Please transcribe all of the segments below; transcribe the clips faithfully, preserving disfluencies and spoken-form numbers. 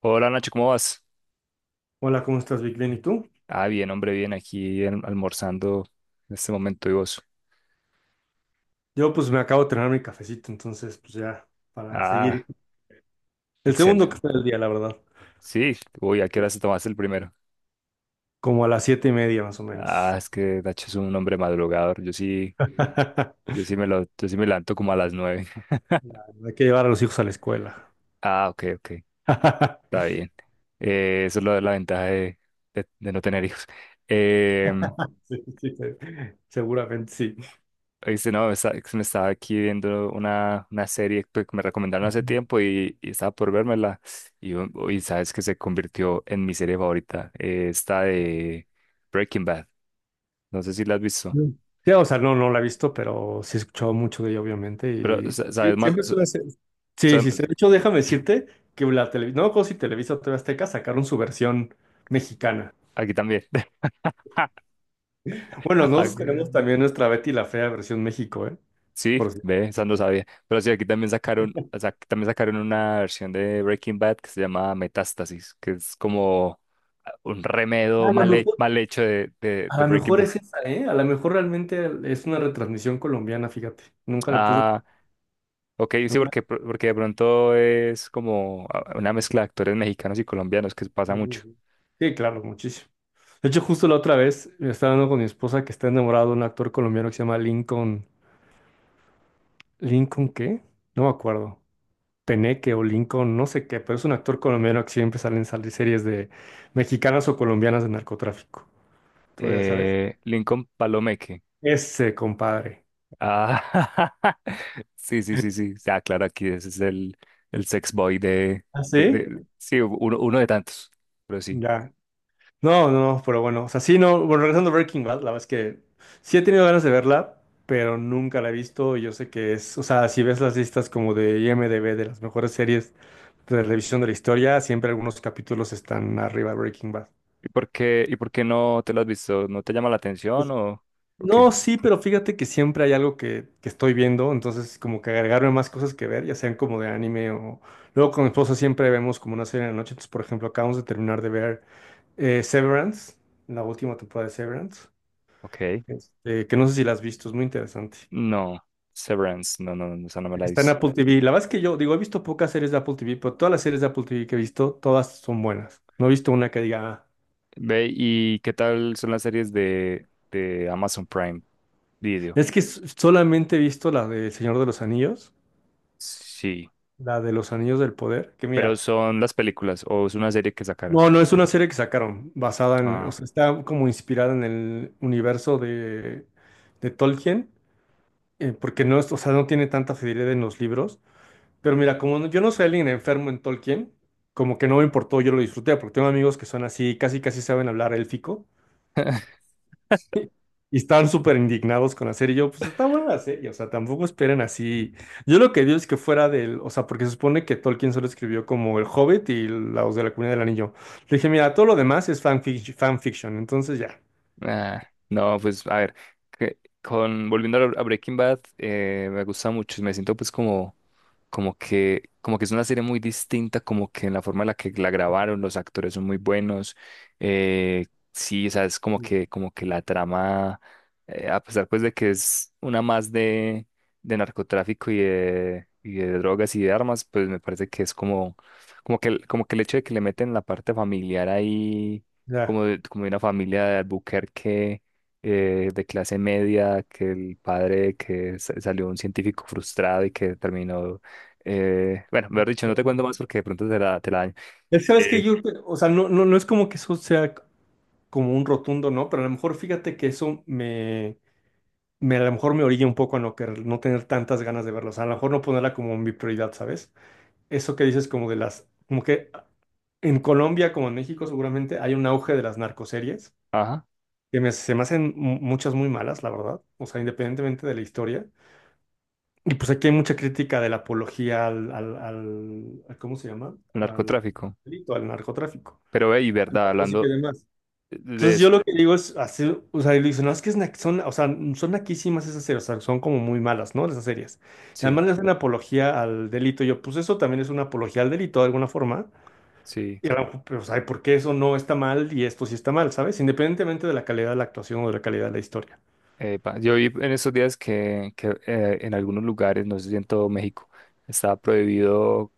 Hola Nacho, ¿cómo vas? Hola, ¿cómo estás, Vic? Bien, ¿y tú? Ah, bien, hombre, bien, aquí en- almorzando en este momento y vos. Yo pues me acabo de terminar mi cafecito, entonces pues ya para seguir. Ah, El segundo Excel. café del día, la verdad. Sí, uy, ¿a qué hora Sí. se tomaste el primero? Como a las siete y media más o Ah, menos. es que Nacho es un hombre madrugador. Yo sí, yo sí me lo, yo sí me levanto como a las nueve. No, hay que llevar a los hijos a la escuela. Ah, ok, ok, está bien. Eh, eso es lo de la ventaja de, de- de no tener hijos. Em, Sí, sí, sí. Seguramente sí. Dice, no, está- es que me estaba aquí viendo una, una serie pues, que me recomendaron hace tiempo y, y estaba por vérmela. Y, u- y sabes que se convirtió en mi serie favorita, eh, esta de Breaking Bad. No sé si la has visto, Mm. Sí, o sea, no, no la he visto, pero sí he escuchado mucho de ella, obviamente. pero Y sa- sí, sabes más, siempre sa- suele ser. Sí, sa- sí, sí. De hecho, déjame decirte que la televisión, no me acuerdo si Televisa o T V Azteca sacaron su versión mexicana. aquí también. Bueno, Ah, nosotros tenemos también nuestra Betty la Fea versión México, ¿eh? sí, Por si- ve, esa no sabía. Pero sí, aquí también sacaron, o sea, aquí también sacaron una versión de Breaking Bad que se llama Metástasis, que es como ah, un remedo A lo mal, he- mejor, mal hecho de, de a de lo Breaking mejor Bad. es esa, ¿eh? A lo mejor realmente es una retransmisión colombiana, fíjate. Nunca le puse. Ah, ok, sí, una- porque, pr- porque de pronto es como ah, una mezcla de actores mexicanos y colombianos que pasa mucho. Sí, claro, muchísimo. De hecho, justo la otra vez estaba hablando con mi esposa que está enamorado de un actor colombiano que se llama Lincoln. ¿Lincoln qué? No me acuerdo. Peneque o Lincoln, no sé qué, pero es un actor colombiano que siempre sale en sal- series de mexicanas o colombianas de narcotráfico. Tú ya sabes. Eh, Lincoln Palomeque. Ese, compadre. Ah, sí, sí, sí, sí. Ah, claro, aquí ese es el, el sex boy de, ¿Ah, de- sí? de- sí, uno, uno de tantos, pero sí. Ya. No, no, no, pero bueno, o sea, sí, no, bueno, regresando a Breaking Bad, la verdad es que sí he tenido ganas de verla, pero nunca la he visto y yo sé que es, o sea, si ves las listas como de IMDb de las mejores series de revisión de la historia, siempre algunos capítulos están arriba de Breaking Bad. ¿Y por qué, y por qué no te lo has visto? ¿No te llama la atención Es- o, o qué? No, sí, pero fíjate que siempre hay algo que, que estoy viendo, entonces como que agregarme más cosas que ver, ya sean como de anime o... Luego con mi esposa siempre vemos como una serie en la noche, entonces por ejemplo acabamos de terminar de ver eh, Severance, la última temporada de Severance. Ok. Este, que no sé si la has visto, es muy interesante. No, Severance, no, no, no, esa no me la he Está en visto. Apple T V. La verdad es que yo, digo, he visto pocas series de Apple T V, pero todas las series de Apple T V que he visto, todas son buenas. No he visto una que diga, "Ah". Ve, ¿y qué tal son las series de, de Amazon Prime Video? Es que s- solamente he visto la de El Señor de los Anillos, Sí, la de los Anillos del Poder, que pero mira, son las películas o es una serie que sacaron. no, no, es una serie que sacaron, basada en, o Ah. sea, está como inspirada en el universo de, de, Tolkien, eh, porque no es, o sea, no tiene tanta fidelidad en los libros. Pero mira, como no- yo no soy alguien enfermo en Tolkien, como que no me importó, yo lo disfruté, porque tengo amigos que son así, casi casi saben hablar élfico, y estaban súper indignados con la serie. Y yo, pues está buena la serie, o sea, tampoco esperen así. Yo lo que digo es que fuera del, o sea, porque se supone que Tolkien solo escribió como El Hobbit y los de la Comunidad del Anillo. Le dije, mira, todo lo demás es fanfic- fanfiction, entonces ya, Ah, no, pues a ver, que- con, volviendo a a Breaking Bad, eh, me gusta mucho y me siento pues como, como que, como que es una serie muy distinta, como que en la forma en la que la grabaron, los actores son muy buenos, eh, sí, o sea, es como que, como que la trama, eh, a pesar pues de que es una más de, de narcotráfico y de, y de drogas y de armas, pues me parece que es como, como que, como que el hecho de que le meten la parte familiar ahí ya. como de, como de una familia de Albuquerque eh, de clase media, que el padre que sa- salió un científico frustrado y que terminó, eh, bueno, mejor dicho, no te cuento más porque de pronto te la, te la daño. Es, sabes Eh, que yo, o sea, no, no, no es como que eso sea como un rotundo, ¿no? Pero a lo mejor fíjate que eso me me, a lo mejor me orilla un poco a no, querer- no tener tantas ganas de verlos, a lo mejor no ponerla como mi prioridad, ¿sabes? Eso que dices como de las, como que en Colombia como en México seguramente hay un auge de las narcoseries, ajá, que me- se me hacen mu- muchas muy malas, la verdad, o sea, independientemente de la historia. Y pues aquí hay mucha crítica de la apología al, al, al- ¿cómo se llama? el Al narcotráfico. delito, al narcotráfico, Pero, ve, y al verdad, música y hablando demás. de Entonces yo eso, lo que digo es hacer, o sea, y le dicen, no, es que es na- son, o sea, son naquísimas esas series, o sea, son como muy malas, ¿no? Esas series. Y sí, además le hacen apología al delito. Y yo, pues eso también es una apología al delito de alguna forma. sí. Y a lo mejor, pero, o sea, ¿por qué eso no está mal y esto sí está mal? ¿Sabes? Independientemente de la calidad de la actuación o de la calidad de la historia. Epa, yo vi en estos días que, que eh, en algunos lugares, no sé si en todo México, está prohibido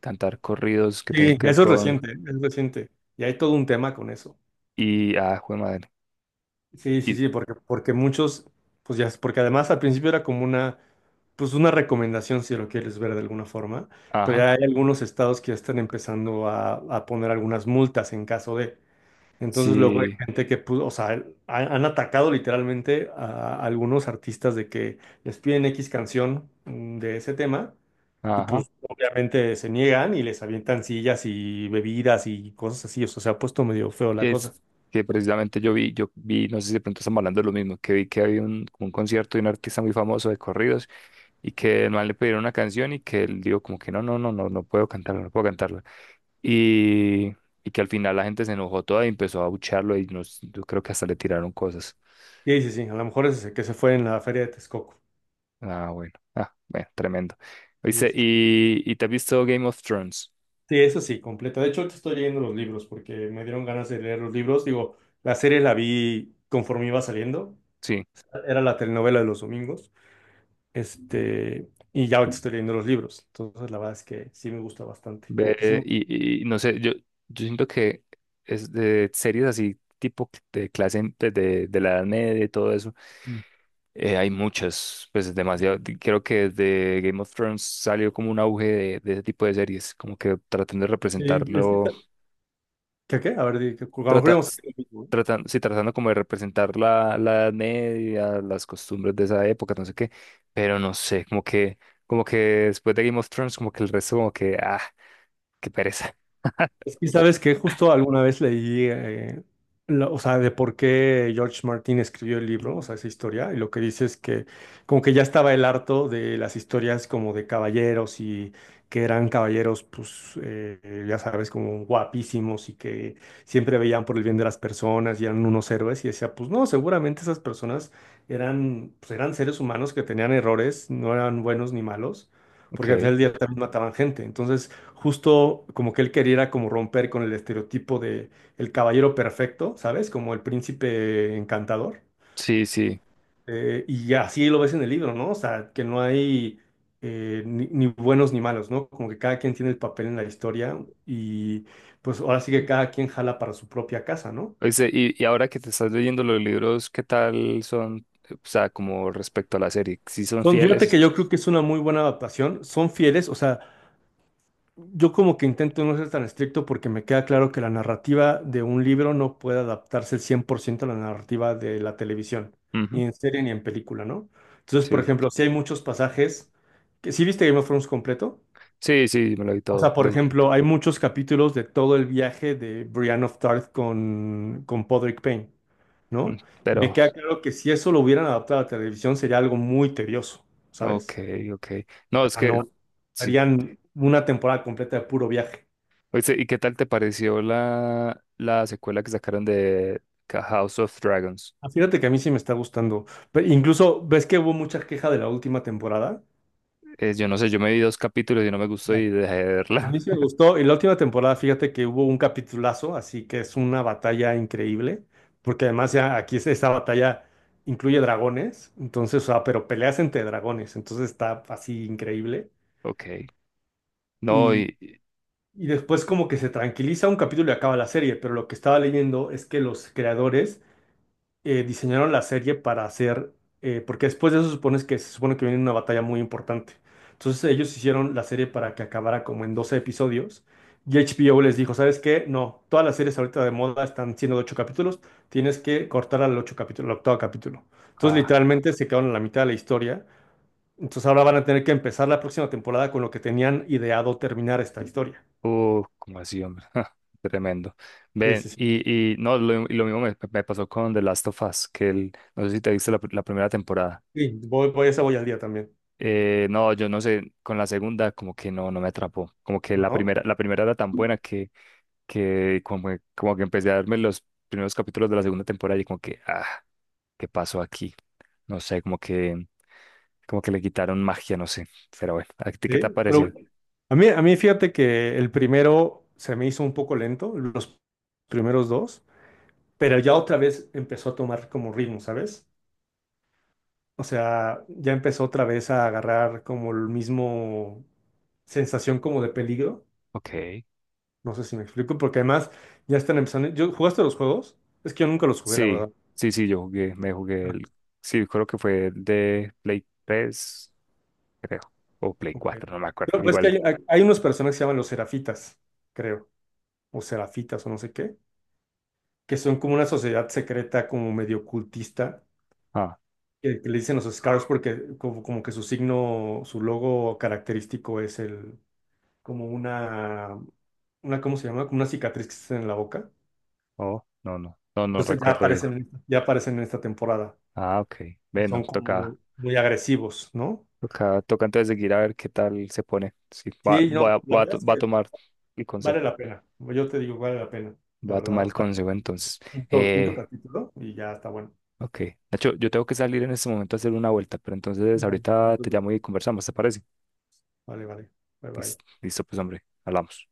cantar corridos que tengan Sí. que ver Eso es con... reciente, es reciente. Y hay todo un tema con eso. Y, ah, jue madre. Sí, sí, Y, sí, porque, porque muchos, pues ya, porque además al principio era como una, pues una recomendación si lo quieres ver de alguna forma, pero ajá. ya hay algunos estados que ya están empezando a, a poner algunas multas en caso de. Entonces luego hay Sí, gente que, pu- o sea, han, han atacado literalmente a, algunos artistas de que les piden equis canción mm, de ese tema y ajá. pues obviamente se niegan y les avientan sillas y bebidas y cosas así, o sea, se ha puesto medio feo la Es cosa. que precisamente yo vi, yo vi, no sé si de pronto estamos hablando de lo mismo, que vi que había un, como un concierto de un artista muy famoso de corridos y que no le pidieron una canción y que él dijo como que no, no, no, no, no puedo cantarla, no puedo cantarla. Y, y que al final la gente se enojó toda y empezó a abuchearlo y nos, yo creo que hasta le tiraron cosas. Sí, sí, sí, a lo mejor es el que se fue en la feria de Texcoco. Ah, bueno. Ah, bueno, tremendo. Sí, Dice eso sí, ¿y, y te has visto Game of Thrones? Sí, eso sí, completo. De hecho, ahorita estoy leyendo los libros porque me dieron ganas de leer los libros. Digo, la serie la vi conforme iba saliendo. Sí. Era la telenovela de los domingos. Este, y ya ahorita estoy leyendo los libros. Entonces, la verdad es que sí me gusta bastante. Como que sí Ve, me... y, y no sé, yo, yo siento que es de series así, tipo de clase de, de, de la Edad Media y todo eso, Mm. eh, hay muchas, pues Sí, demasiado. di- Creo que desde Game of Thrones salió como un auge de, de ese tipo de series, como que tratan de Eh, es que representarlo, está- ¿Qué, qué? A ver, di- que- a lo mejor trata, íbamos a s- hacer lo mismo, ¿eh? tratan, sí, tratando como de representar la, la Edad Media, las costumbres de esa época, no sé qué, pero no sé, como que, como que después de Game of Thrones, como que el resto, como que, ah, qué pereza. Es que, ¿sabes que justo alguna vez leí, eh, la- o sea, de por qué George Martin escribió el libro, o sea, esa historia, y lo que dice es que como que ya estaba el harto de las historias como de caballeros y que eran caballeros, pues, eh, ya sabes, como guapísimos y que siempre veían por el bien de las personas y eran unos héroes, y decía, pues no, seguramente esas personas eran, pues, eran seres humanos que tenían errores, no eran buenos ni malos, Ok. porque al final del día también mataban gente, entonces justo como que él quería como romper con el estereotipo de el caballero perfecto, ¿sabes? Como el príncipe encantador. Sí, sí. Eh, y así lo ves en el libro, ¿no? O sea, que no hay eh, ni, ni buenos ni malos, ¿no? Como que cada quien tiene el papel en la historia y pues ahora sí que cada quien jala para su propia casa, ¿no? Oíste, y, y ahora que te estás leyendo los libros, ¿qué tal son? O sea, como respecto a la serie, ¿sí son Son, fíjate que fieles? yo creo que es una muy buena adaptación, son fieles, o sea... Yo como que intento no ser tan estricto porque me queda claro que la narrativa de un libro no puede adaptarse al cien por ciento a la narrativa de la televisión, Ujú, ni en serie ni en película, ¿no? Entonces, por sí, ejemplo, si hay muchos pasajes que sí viste Game of Thrones completo. sí, sí, me lo vi O todo. sea, por de- ejemplo, hay muchos capítulos de todo el viaje de Brienne of Tarth con, con, Podrick Payne, mm, ¿no? Y Me pero, queda claro que si eso lo hubieran adaptado a la televisión sería algo muy tedioso, ok, ¿sabes? ok. No, O es sea, que, no, sí. harían una temporada completa de puro viaje. Oíste, ¿y qué tal te pareció la, la secuela que sacaron de Ca- House of Dragons? Ah, fíjate que a mí sí me está gustando. Pe- incluso, ¿ves que hubo mucha queja de la última temporada? Eh, yo no sé, yo me vi dos capítulos y no me gustó Ya. y dejé de A verla. mí sí me gustó. Y la última temporada, fíjate que hubo un capitulazo, así que es una batalla increíble, porque además ya aquí es- esta batalla incluye dragones, entonces, o sea, pero peleas entre dragones, entonces está así increíble. Ok. No, Y, y... y después como que se tranquiliza un capítulo y acaba la serie, pero lo que estaba leyendo es que los creadores eh, diseñaron la serie para hacer, eh, porque después de eso supones que se supone que viene una batalla muy importante. Entonces ellos hicieron la serie para que acabara como en doce episodios y H B O les dijo, ¿sabes qué? No, todas las series ahorita de moda están siendo de ocho capítulos, tienes que cortar al ocho capítulo, al octavo capítulo. Entonces ah. literalmente se quedaron en la mitad de la historia. Entonces ahora van a tener que empezar la próxima temporada con lo que tenían ideado terminar esta historia. Uh, como así, hombre. Tremendo. Sí, Ven, sí, sí. y, y no, lo, y lo mismo me, me pasó con The Last of Us, que el, no sé si te viste la, pr- la primera temporada. Sí, voy, voy, esa voy al día también, Eh, no, yo no sé, con la segunda como que no, no me atrapó. Como que la ¿no? primera, la primera era tan buena que, que como, que- como que empecé a darme los primeros capítulos de la segunda temporada y como que, ah, ¿qué pasó aquí? No sé, como que, como que le quitaron magia, no sé. Pero bueno, ¿a ti qué te ha Sí, pero parecido? A mí, a mí fíjate que el primero se me hizo un poco lento, los primeros dos, pero ya otra vez empezó a tomar como ritmo, ¿sabes? O sea, ya empezó otra vez a agarrar como el mismo sensación como de peligro. Ok. No sé si me explico, porque además ya están empezando. ¿Yo, jugaste los juegos? Es que yo nunca los jugué, la Sí, verdad. sí, sí, yo jugué, me jugué el, sí, creo que fue el de Play tres, creo, o Play Ok. cuatro, no me acuerdo, Pero pues que igual, hay, hay unos personajes que se llaman los Serafitas, creo, o Serafitas o no sé qué, que son como una sociedad secreta, como medio cultista ah, que, que le dicen los Scars porque como, como que su signo, su logo característico es el, como una, una, ¿cómo se llama? Como una cicatriz que está en la boca. oh, no, no, no, no Entonces ya recuerdo bien. aparecen, ya aparecen en esta temporada Ah, ok, y bueno, son toca, como muy agresivos, ¿no? toca, toca entonces seguir a ver qué tal se pone, sí, va, Sí, no, va, la va, a verdad to- es que va a tomar el consejo, vale la pena. Yo te digo, vale la pena, la va a verdad. tomar O el sea, consejo entonces. quinto, quinto Eh, capítulo y ya está bueno. ok, Nacho, yo tengo que salir en este momento a hacer una vuelta, pero entonces Vale, ahorita no te llamo y conversamos, ¿te parece? vale. Vale. Bye Listo, bye. listo, pues hombre, hablamos.